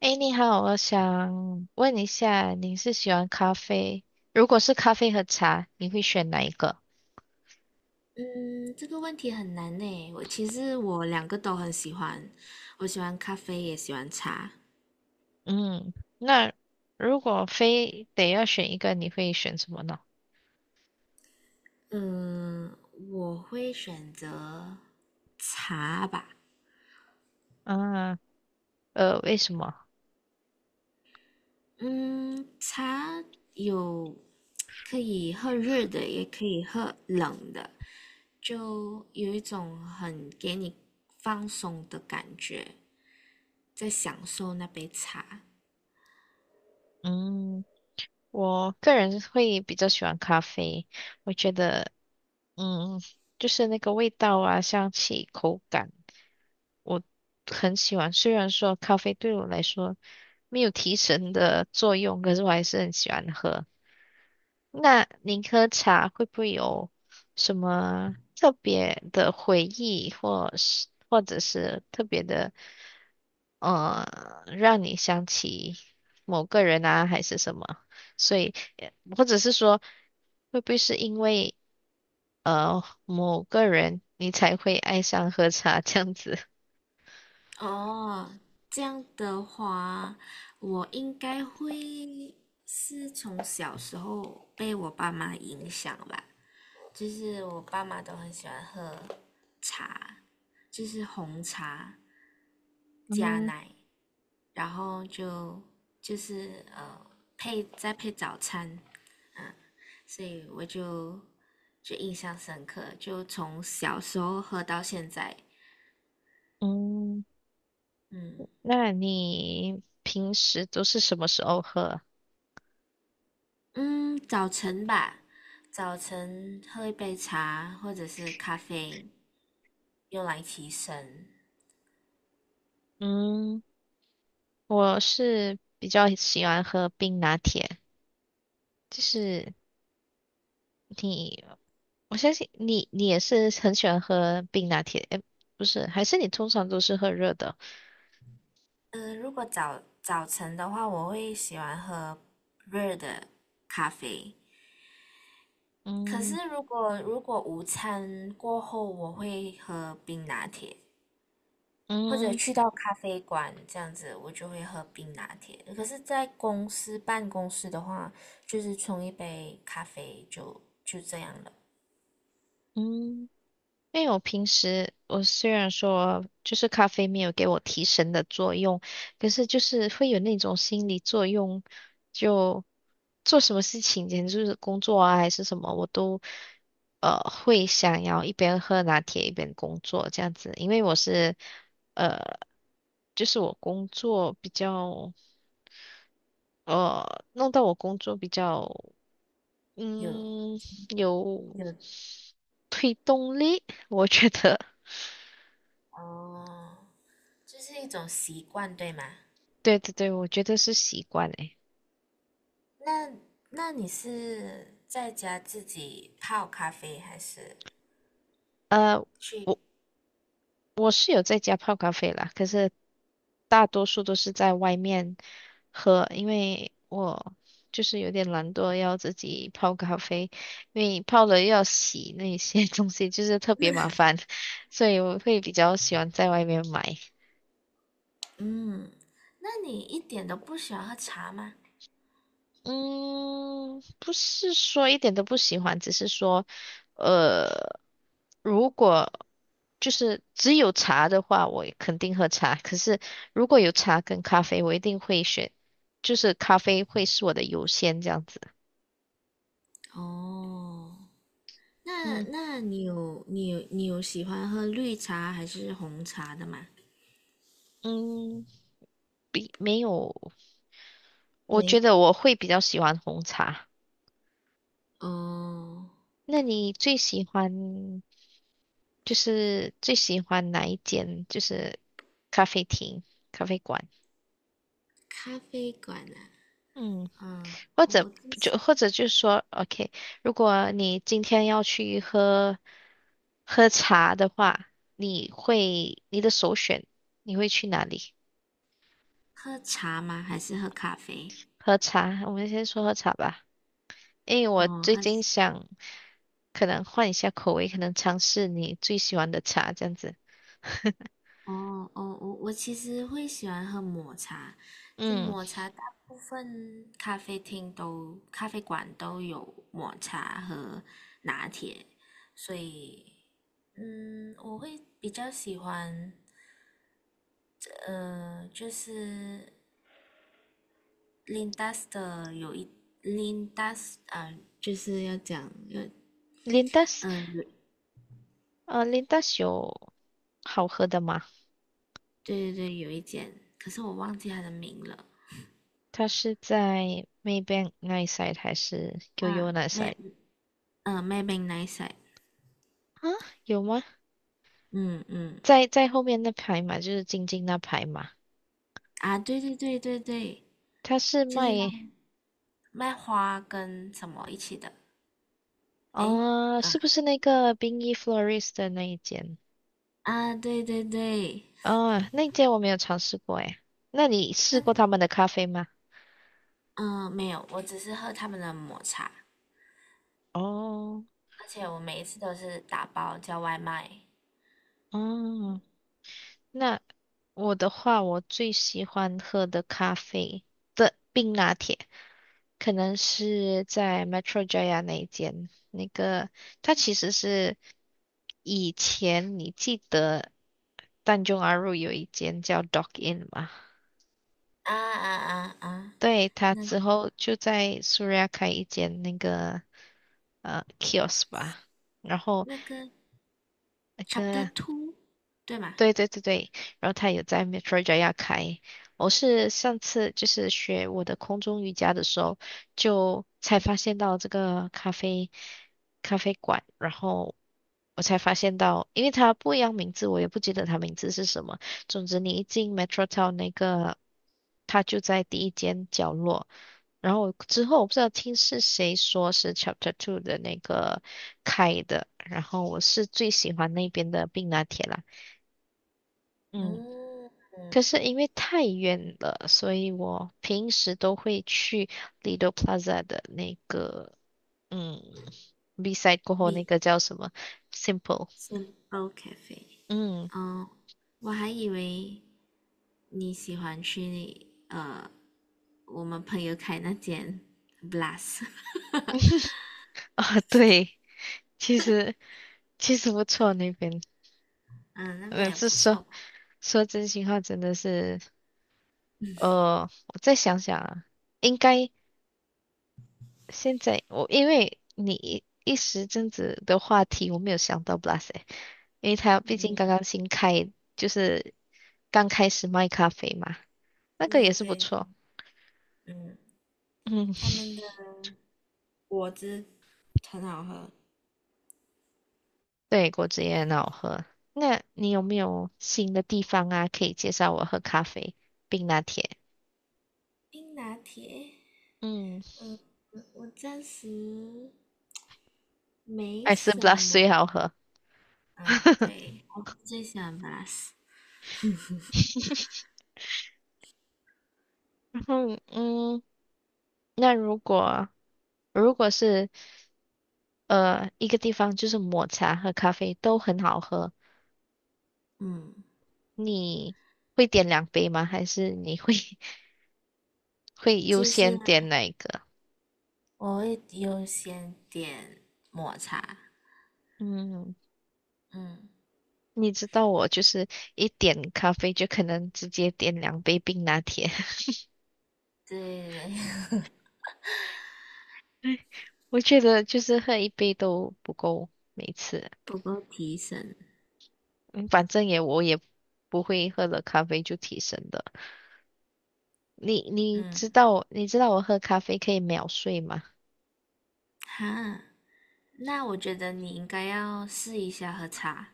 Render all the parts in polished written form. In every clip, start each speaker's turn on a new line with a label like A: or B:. A: 诶，你好，我想问一下，你是喜欢咖啡？如果是咖啡和茶，你会选哪一个？
B: 嗯，这个问题很难呢。其实我两个都很喜欢，我喜欢咖啡，也喜欢茶。
A: 嗯，那如果非得要选一个，你会选什么呢？
B: 嗯，我会选择茶吧。
A: 啊，为什么？
B: 嗯，茶有可以喝热的，也可以喝冷的，就有一种很给你放松的感觉，在享受那杯茶。
A: 嗯。我个人会比较喜欢咖啡，我觉得，嗯，就是那个味道啊、香气、口感，我很喜欢。虽然说咖啡对我来说没有提神的作用，可是我还是很喜欢喝。那您喝茶会不会有什么特别的回忆，或是或者是特别的，呃，让你想起某个人啊，还是什么？所以或者是说，会不会是因为某个人你才会爱上喝茶这样子？
B: 哦，这样的话，我应该会是从小时候被我爸妈影响吧，就是我爸妈都很喜欢喝茶，就是红茶加
A: 嗯。
B: 奶，然后就是再配早餐，所以我就印象深刻，就从小时候喝到现在。
A: 嗯，
B: 嗯。
A: 那你平时都是什么时候喝啊？
B: 嗯，早晨吧，早晨喝一杯茶或者是咖啡，用来提神。
A: 嗯，我是比较喜欢喝冰拿铁，就是你，我相信你，你也是很喜欢喝冰拿铁，诶，不是，还是你通常都是喝热的？
B: 如果早晨的话，我会喜欢喝热的咖啡。可是
A: 嗯。
B: 如果午餐过后，我会喝冰拿铁，或者
A: 嗯。
B: 去到咖啡馆这样子，我就会喝冰拿铁。可是，在公司办公室的话，就是冲一杯咖啡就这样了。
A: 嗯。因为我平时我虽然说就是咖啡没有给我提神的作用，可是就是会有那种心理作用，就做什么事情，简直就是工作啊还是什么，我都会想要一边喝拿铁一边工作这样子，因为我是呃就是我工作比较弄到我工作比较
B: 有，
A: 嗯有
B: 有。
A: 动力，我觉得。
B: 哦，这是一种习惯，对吗？
A: 对对对，我觉得是习惯诶。
B: 那那你是在家自己泡咖啡，还是
A: 呃，
B: 去？
A: 我我是有在家泡咖啡啦，可是大多数都是在外面喝，因为我就是有点懒惰，要自己泡咖啡，因为泡了又要洗那些 东西，就是特别麻烦，所以我会比较喜欢在外面买。
B: 嗯，那你一点都不喜欢喝茶吗？
A: 嗯，不是说一点都不喜欢，只是说，呃。如果就是只有茶的话，我也肯定喝茶。可是如果有茶跟咖啡，我一定会选，就是咖啡会是我的优先这样子。
B: 哦，那
A: 嗯。
B: 那你有喜欢喝绿茶还是红茶的吗？
A: 嗯，比没有，我觉
B: 没。
A: 得我会比较喜欢红茶。
B: 哦，
A: 那你最喜欢就是最喜欢哪一间就是咖啡厅、咖啡馆？
B: 咖啡馆呢？
A: 嗯。
B: 嗯，
A: 或
B: 我
A: 者
B: 我自己
A: 就说，OK，如果你今天要去喝喝茶的话，你会你的首选你会去哪里
B: 喝茶吗？还是喝咖啡？
A: 喝茶？我们先说喝茶吧，因为我
B: 哦，
A: 最近想可能换一下口味，可能尝试你最喜欢的茶这样子。
B: 哦哦，我其实会喜欢喝抹茶，这
A: 嗯
B: 抹茶大部分咖啡馆都有抹茶和拿铁，所以，我会比较喜欢，就是 l i n d a 的有一 Linda 就是要讲
A: ，Lindas，
B: 有。
A: Lindas 有好喝的吗？
B: 对对对，有一间，可是我忘记它的名了。
A: 它是在 Maybank 那一 side 还是 Yoyo
B: 啊，
A: 那一 side
B: Mad b a n g n i s i。
A: 啊？有吗？
B: 嗯嗯。
A: 在后面那排嘛，就是晶晶那排嘛，
B: 啊，对对对对对，
A: 它是
B: 就
A: 卖
B: 是那卖花跟什么一起的。诶，
A: 哦，
B: 啊
A: 是不是那个冰衣 florist 的那一间？
B: 啊，对对对。
A: 哦，那一间我没有尝试过诶。那你试
B: 但
A: 过
B: 是
A: 他们的咖啡吗？
B: 嗯、没有，我只是喝他们的抹茶，
A: 哦
B: 而且我每一次都是打包叫外卖。
A: 哦，那我的话，我最喜欢喝的咖啡的冰拿铁，可能是在 Metro Jaya 那一间。那个，它其实是以前你记得淡中阿入有一间叫 Dock Inn 吗？
B: 啊啊啊啊，
A: 对，他
B: 那
A: 之后就在苏瑞亚开一间那个kiosk 吧，然后
B: 那个
A: 那
B: Chapter
A: 个
B: Two 对吗？
A: 对对对对，然后他也在 Metro Jaya 开。我是上次就是学我的空中瑜伽的时候，就才发现到这个咖啡咖啡馆，然后我才发现到，因为它不一样名字，我也不记得它名字是什么。总之，你一进 Metro Town 那个，它就在第一间角落。然后我之后我不知道听是谁说是 Chapter Two 的那个开的，然后我是最喜欢那边的冰拿铁啦。嗯。
B: 嗯
A: 可
B: 嗯
A: 是因为太远了，所以我平时都会去 Lido Plaza 的那个，嗯，B side 过后那
B: ，Big
A: 个叫什么？Simple，
B: Simple Cafe。
A: 嗯。
B: 嗯，我还以为你喜欢去我们朋友开那间 Blast。
A: 啊，对，其实其实不错那边，
B: 嗯，那边
A: 嗯，
B: 也
A: 是
B: 不
A: 说
B: 错吧？
A: 说真心话，真的是，我再想想啊，应该现在我因为你一时阵子的话题，我没有想到 Blas，e 因为他毕竟
B: 嗯，
A: 刚刚新开，就是。刚开始卖咖啡嘛，那个
B: 对
A: 也是不
B: 对。
A: 错。
B: 嗯，
A: 嗯，
B: 他们 的果汁很好喝。
A: 对，果汁也很好喝。那你有没有新的地方啊，可以介绍我喝咖啡冰拿铁？
B: 冰拿铁。
A: 嗯，
B: 嗯，我暂时 没
A: 还是 b l
B: 什
A: u s
B: 么。
A: 最好喝。
B: 嗯，对，我最喜欢 Blast。
A: 然后，嗯，那如果如果是一个地方就是抹茶和咖啡都很好喝，
B: 嗯，
A: 你会点两杯吗？还是你会 会优
B: 就
A: 先
B: 是
A: 点哪一个？
B: 我会优先点抹茶。
A: 嗯。
B: 嗯，
A: 你知道我就是一点咖啡就可能直接点两杯冰拿铁，
B: 对，
A: 我觉得就是喝一杯都不够，每次，
B: 不够提神。
A: 嗯，反正我也不会喝了咖啡就提神的。你你
B: 嗯
A: 知道你知道我喝咖啡可以秒睡吗？
B: 哈，那我觉得你应该要试一下喝茶，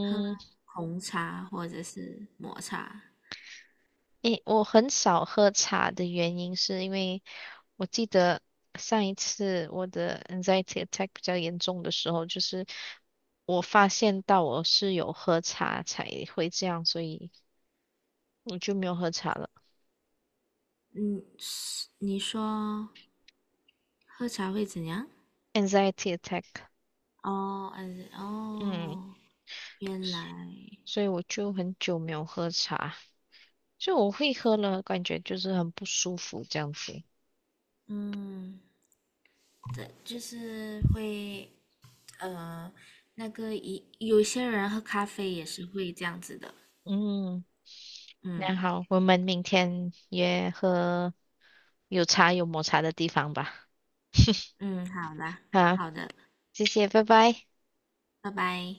B: 喝红茶或者是抹茶。
A: 诶，我很少喝茶的原因是因为我记得上一次我的 anxiety attack 比较严重的时候，就是我发现到我是有喝茶才会这样，所以我就没有喝茶了。
B: 嗯，是你说喝茶会怎样？
A: anxiety attack，
B: 哦，嗯，
A: 嗯，
B: 哦，原来。
A: 所以我就很久没有喝茶，就我会喝了，感觉就是很不舒服这样子。
B: 嗯，对，就是会，呃，那个一有些人喝咖啡也是会这样子的。
A: 嗯，
B: 嗯
A: 那好，我们明天约喝有茶有抹茶的地方吧。
B: 嗯，好啦，
A: 啊，
B: 好的，
A: 谢谢，拜拜。
B: 拜拜。